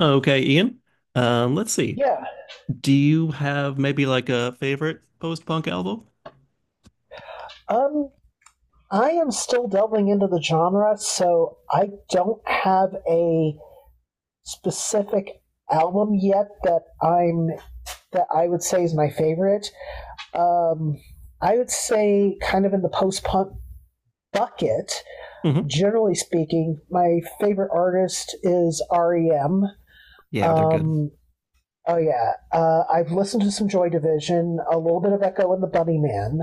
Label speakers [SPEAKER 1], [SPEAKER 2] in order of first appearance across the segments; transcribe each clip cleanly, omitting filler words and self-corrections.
[SPEAKER 1] Okay, Ian. Let's see.
[SPEAKER 2] Yeah.
[SPEAKER 1] Do you have maybe like a favorite post-punk album?
[SPEAKER 2] Um, I am still delving into the genre, so I don't have a specific album yet that I would say is my favorite. Um, I would say kind of in the post punk bucket.
[SPEAKER 1] Hmm.
[SPEAKER 2] Generally speaking, my favorite artist is REM.
[SPEAKER 1] Yeah, they're good.
[SPEAKER 2] Um, oh yeah, I've listened to some Joy Division, a little bit of Echo and the Bunny Man.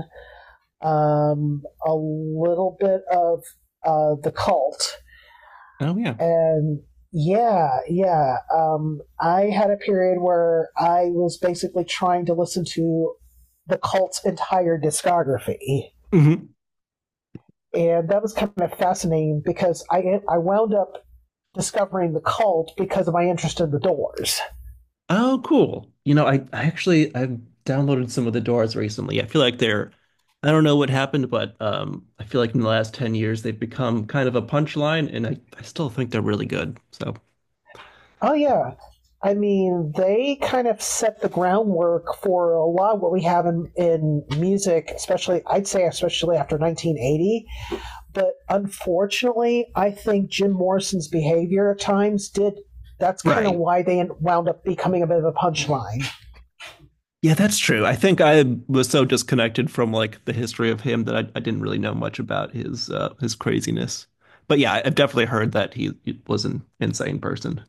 [SPEAKER 2] A little bit of the cult,
[SPEAKER 1] Oh yeah.
[SPEAKER 2] and yeah, yeah. I had a period where I was basically trying to listen to the cult's entire discography,
[SPEAKER 1] Hmm.
[SPEAKER 2] and that was kind of fascinating because I wound up discovering the cult because of my interest in the Doors.
[SPEAKER 1] Oh, cool. You know, I actually I've downloaded some of the Doors recently. I feel like they're, I don't know what happened, but I feel like in the last 10 years they've become kind of a punchline and I still think they're really good. So
[SPEAKER 2] Oh yeah. I mean, they kind of set the groundwork for a lot of what we have in music, especially, I'd say, especially after 1980. But unfortunately, I think Jim Morrison's behavior at times did. That's kind of
[SPEAKER 1] right.
[SPEAKER 2] why they wound up becoming a bit of a punchline.
[SPEAKER 1] Yeah, that's true. I think I was so disconnected from like the history of him that I didn't really know much about his craziness. But yeah, I've definitely heard that he was an insane person.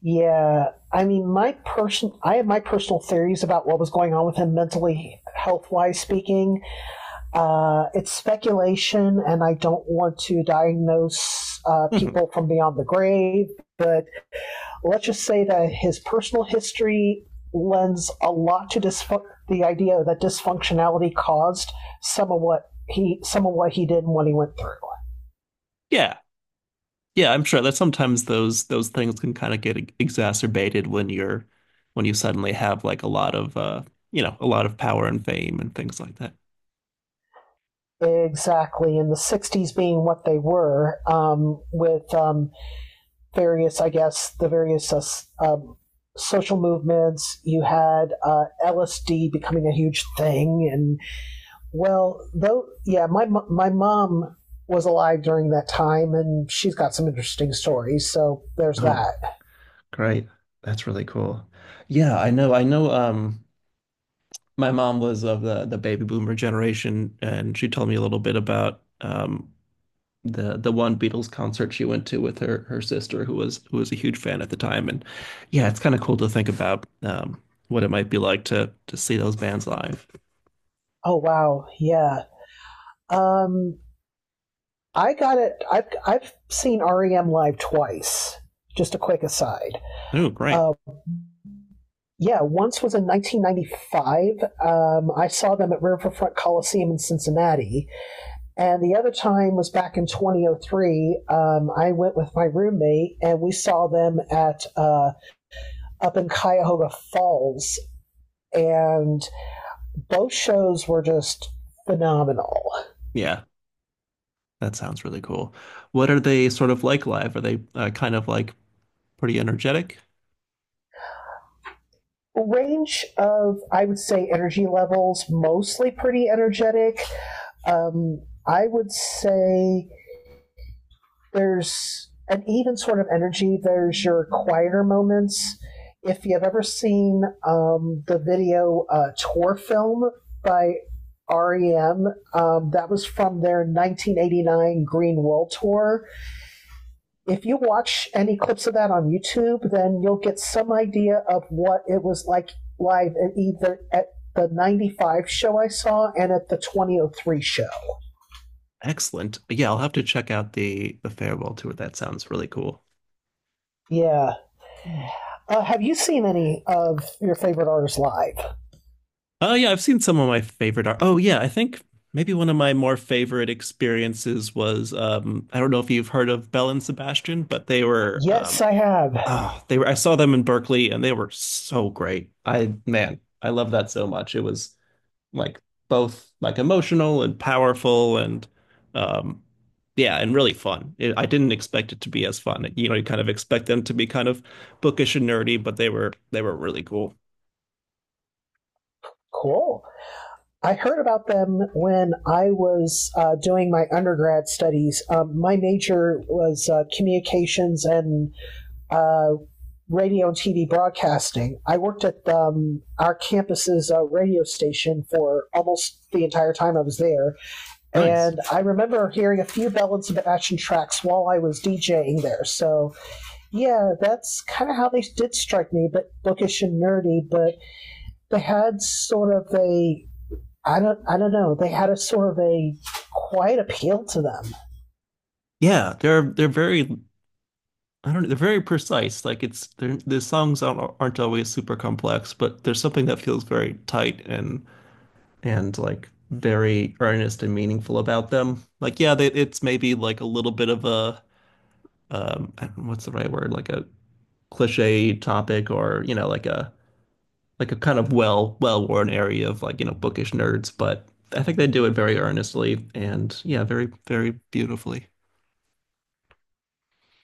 [SPEAKER 2] Yeah, I mean, I have my personal theories about what was going on with him mentally, health wise speaking. It's speculation, and I don't want to diagnose
[SPEAKER 1] Mhm.
[SPEAKER 2] people from beyond the grave, but let's just say that his personal history lends a lot to dysf- the idea that dysfunctionality caused some of what he did and what he went through.
[SPEAKER 1] Yeah. Yeah, I'm sure that sometimes those things can kind of get exacerbated when you're, when you suddenly have like a lot of a lot of power and fame and things like that.
[SPEAKER 2] Exactly, in the 60s being what they were, with various, I guess, the various social movements. You had LSD becoming a huge thing, and yeah, my mom was alive during that time, and she's got some interesting stories. So there's
[SPEAKER 1] Oh,
[SPEAKER 2] that.
[SPEAKER 1] great. That's really cool. Yeah, I know. I know my mom was of the baby boomer generation and she told me a little bit about the one Beatles concert she went to with her sister who was, who was a huge fan at the time, and yeah, it's kind of cool to think about what it might be like to see those bands live.
[SPEAKER 2] Oh wow, yeah. Um, I got it. I've seen REM live twice. Just a quick aside.
[SPEAKER 1] Oh, great.
[SPEAKER 2] Uh, Yeah, once was in 1995. I saw them at Riverfront Coliseum in Cincinnati. And the other time was back in 2003. I went with my roommate and we saw them at up in Cuyahoga Falls. And both shows were just phenomenal.
[SPEAKER 1] Yeah, that sounds really cool. What are they sort of like live? Are they, kind of like pretty energetic?
[SPEAKER 2] Range of, I would say, energy levels, mostly pretty energetic. Um, I would say there's an even sort of energy. There's your quieter moments. If you've ever seen the video tour film by REM, that was from their 1989 Green World Tour. If you watch any clips of that on YouTube, then you'll get some idea of what it was like live at either at the 95 show I saw and at the 2003 show.
[SPEAKER 1] Excellent. Yeah, I'll have to check out the farewell tour. That sounds really cool.
[SPEAKER 2] Yeah. Have you seen any of your favorite artists live?
[SPEAKER 1] Oh yeah, I've seen some of my favorite art. Oh yeah, I think maybe one of my more favorite experiences was I don't know if you've heard of Belle and Sebastian, but they were
[SPEAKER 2] Yes, I have.
[SPEAKER 1] oh, they were, I saw them in Berkeley and they were so great. I man, I love that so much. It was like both like emotional and powerful and um yeah, and really fun. It, I didn't expect it to be as fun. You know, you kind of expect them to be kind of bookish and nerdy, but they were really cool.
[SPEAKER 2] Cool. I heard about them when I was doing my undergrad studies. My major was communications and uh, radio and TV broadcasting. I worked at our campus's radio station for almost the entire time I was there,
[SPEAKER 1] Nice.
[SPEAKER 2] and I remember hearing a few Bell and Sebastian tracks while I was DJing there. So yeah, that's kind of how they did strike me, but bookish and nerdy, but they had sort of a I don't know they had a sort of a quiet appeal to them.
[SPEAKER 1] Yeah, they're very, I don't know, they're very precise. Like it's they're, the songs aren't always super complex, but there's something that feels very tight and like very earnest and meaningful about them. Like yeah, they, it's maybe like a little bit of a I don't know, what's the right word? Like a cliche topic or, you know, like a kind of well-worn area of, like, you know, bookish nerds, but I think they do it very earnestly and yeah, very beautifully.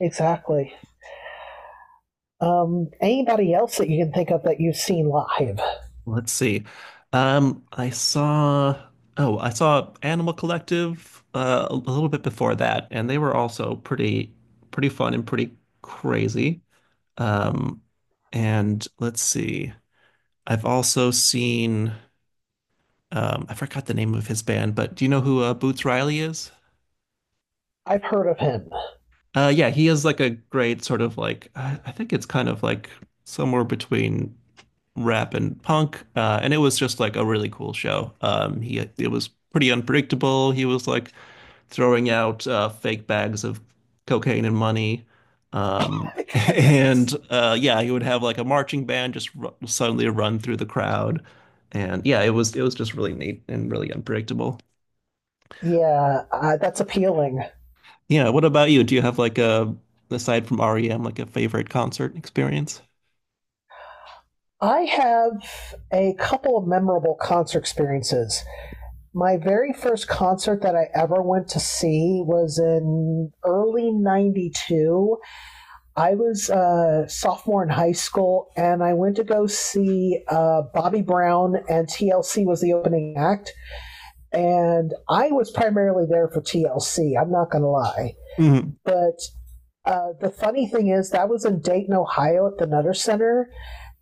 [SPEAKER 2] Exactly. Anybody else that you can think of that you've seen live?
[SPEAKER 1] Let's see. Um, I saw, oh, I saw Animal Collective a little bit before that, and they were also pretty, pretty fun and pretty crazy. Um, and let's see. I've also seen, I forgot the name of his band, but do you know who Boots Riley is?
[SPEAKER 2] I've heard of him.
[SPEAKER 1] Yeah, he is like a great sort of like, I think it's kind of like somewhere between rap and punk, and it was just like a really cool show. He, it was pretty unpredictable. He was like throwing out fake bags of cocaine and money, and yeah, he would have like a marching band just r suddenly run through the crowd, and yeah, it was just really neat and really unpredictable.
[SPEAKER 2] Yeah, that's appealing.
[SPEAKER 1] Yeah, what about you? Do you have like a, aside from REM, like a favorite concert experience?
[SPEAKER 2] I have a couple of memorable concert experiences. My very first concert that I ever went to see was in early 92. I was a sophomore in high school, and I went to go see Bobby Brown, and TLC was the opening act. And I was primarily there for TLC, I'm not going to lie.
[SPEAKER 1] Hmm.
[SPEAKER 2] But the funny thing is, that was in Dayton, Ohio at the Nutter Center.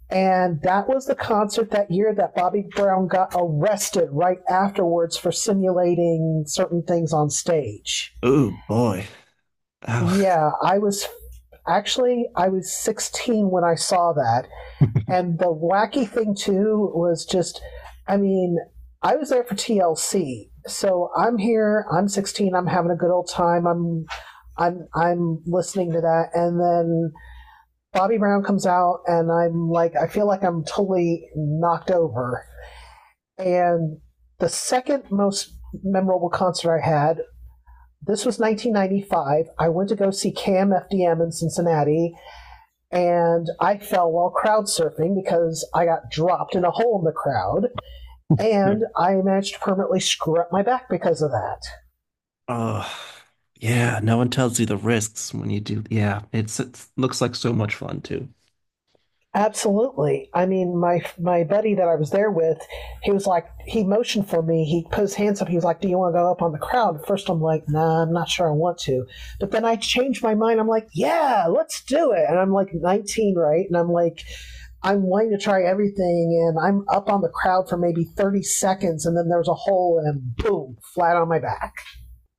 [SPEAKER 2] And that was the concert that year that Bobby Brown got arrested right afterwards for simulating certain things on stage.
[SPEAKER 1] Oh boy. Ow.
[SPEAKER 2] Yeah, I was 16 when I saw that. And the wacky thing too was just, I mean, I was there for TLC, so I'm here. I'm 16. I'm having a good old time. I'm listening to that, and then Bobby Brown comes out, and I'm like, I feel like I'm totally knocked over. And the second most memorable concert I had. This was 1995. I went to go see Cam FDM in Cincinnati and I fell while crowd surfing because I got dropped in a hole in the crowd,
[SPEAKER 1] Yeah.
[SPEAKER 2] and I managed to permanently screw up my back because of that.
[SPEAKER 1] Oh, yeah. No one tells you the risks when you do. Yeah, it's, it looks like so much fun too.
[SPEAKER 2] Absolutely. I mean, my buddy that I was there with, he was like, he motioned for me. He put his hands up. He was like, "Do you want to go up on the crowd?" First, I'm like, "Nah, I'm not sure I want to." But then I changed my mind. I'm like, "Yeah, let's do it." And I'm like 19, right? And I'm like, I'm wanting to try everything and I'm up on the crowd for maybe 30 seconds and then there's a hole and boom, flat on my back.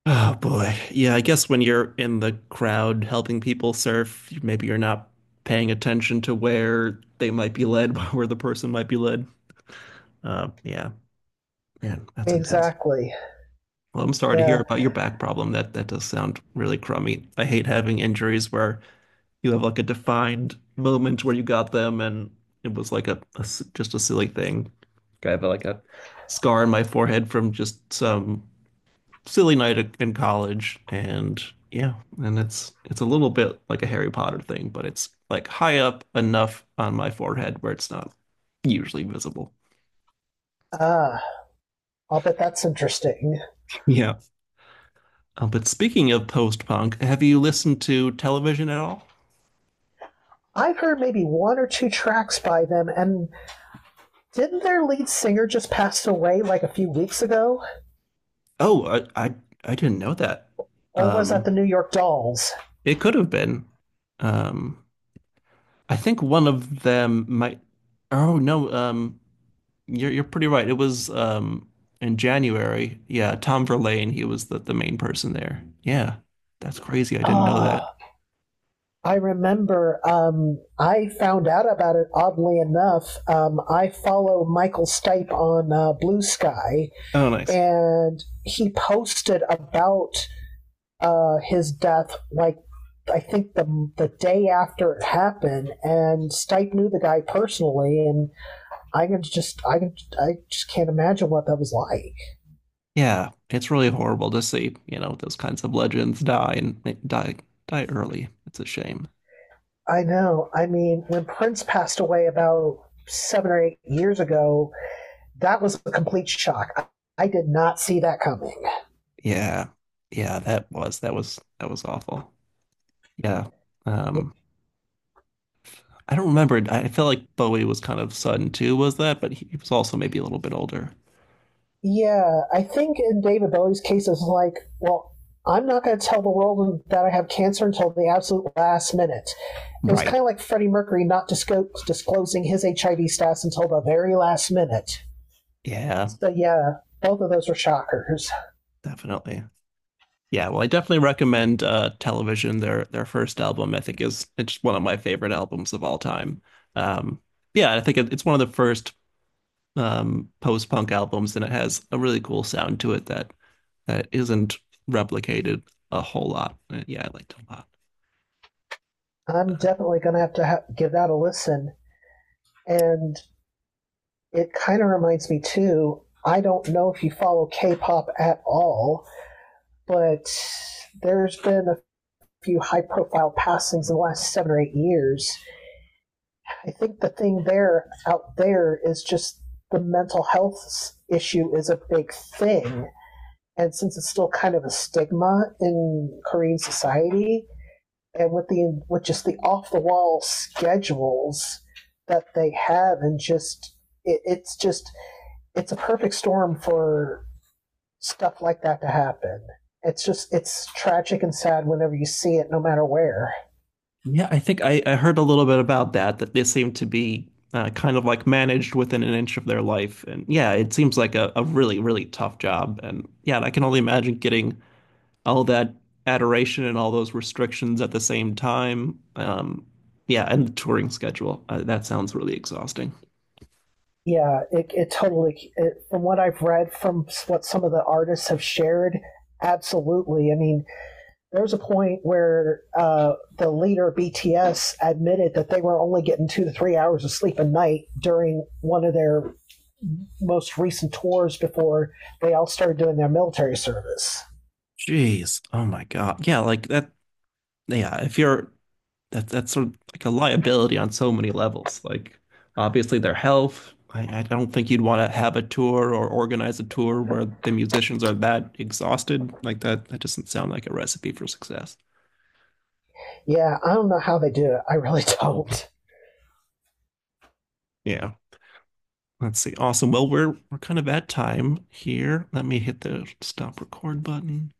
[SPEAKER 1] Oh boy. Yeah, I guess when you're in the crowd helping people surf, maybe you're not paying attention to where they might be led, where the person might be led. Yeah, man, that's intense.
[SPEAKER 2] Exactly.
[SPEAKER 1] Well, I'm sorry to hear
[SPEAKER 2] Yeah.
[SPEAKER 1] about your back problem. That does sound really crummy. I hate having injuries where you have like a defined moment where you got them, and it was like just a silly thing. I have like a scar on my forehead from just some silly in college, and yeah, and it's a little bit like a Harry Potter thing, but it's like high up enough on my forehead where it's not usually visible.
[SPEAKER 2] Ah, I'll bet that's interesting.
[SPEAKER 1] Yeah. But speaking of post-punk, have you listened to Television at all?
[SPEAKER 2] I've heard maybe one or two tracks by them and didn't their lead singer just pass away like a few weeks ago?
[SPEAKER 1] Oh, I didn't know that.
[SPEAKER 2] Or was that the
[SPEAKER 1] Um,
[SPEAKER 2] New York Dolls?
[SPEAKER 1] it could have been. Um, I think one of them might. Oh no, you're pretty right. It was in January. Yeah, Tom Verlaine. He was the main person there. Yeah, that's crazy. I didn't know that.
[SPEAKER 2] Ah. I remember I found out about it oddly enough. I follow Michael Stipe on Blue Sky,
[SPEAKER 1] Oh, nice.
[SPEAKER 2] and he posted about his death like I think the day after it happened, and Stipe knew the guy personally, and I can just I can I just can't imagine what that was like.
[SPEAKER 1] Yeah, it's really horrible to see, you know, those kinds of legends die and die early. It's a shame.
[SPEAKER 2] I know. I mean, when Prince passed away about 7 or 8 years ago, that was a complete shock. I did not see that coming.
[SPEAKER 1] Yeah, yeah, that was that was awful. Yeah. Um, I don't remember. I feel like Bowie was kind of sudden too, was that? But he was also maybe a little bit older.
[SPEAKER 2] Yeah, I think in David Bowie's case, it's like, well, I'm not going to tell the world that I have cancer until the absolute last minute. It was
[SPEAKER 1] Right.
[SPEAKER 2] kind of like Freddie Mercury not disclosing his HIV status until the very last minute.
[SPEAKER 1] Yeah,
[SPEAKER 2] So, yeah, both of those were shockers.
[SPEAKER 1] definitely. Yeah, well, I definitely recommend Television. Their first album, I think is it's one of my favorite albums of all time. Um yeah, I think it, it's one of the first post-punk albums and it has a really cool sound to it that that isn't replicated a whole lot. Yeah, I liked it a lot.
[SPEAKER 2] I'm definitely going to have to give that a listen. And it kind of reminds me too. I don't know if you follow K-pop at all, but there's been a few high-profile passings in the last 7 or 8 years. I think the thing there out there is just the mental health issue is a big thing, and since it's still kind of a stigma in Korean society, and with the with just the off-the-wall schedules that they have, and just it's just it's a perfect storm for stuff like that to happen. It's just it's tragic and sad whenever you see it, no matter where.
[SPEAKER 1] Yeah, I think I heard a little bit about that, that they seem to be kind of like managed within an inch of their life. And yeah, it seems like a really, really tough job. And yeah, I can only imagine getting all that adoration and all those restrictions at the same time. Yeah, and the touring schedule. That sounds really exhausting.
[SPEAKER 2] Yeah, it totally. It, from what I've read, from what some of the artists have shared, absolutely. I mean, there was a point where the leader of BTS admitted that they were only getting 2 to 3 hours of sleep a night during one of their most recent tours before they all started doing their military service.
[SPEAKER 1] Jeez. Oh my God. Yeah, like that. Yeah, if you're that, that's sort of like a liability on so many levels. Like obviously their health. I don't think you'd want to have a tour or organize a tour where the musicians are that exhausted. Like that, that doesn't sound like a recipe for success.
[SPEAKER 2] Yeah, I don't know how they do it. I really don't.
[SPEAKER 1] Yeah. Let's see. Awesome. Well, we're kind of at time here. Let me hit the stop record button.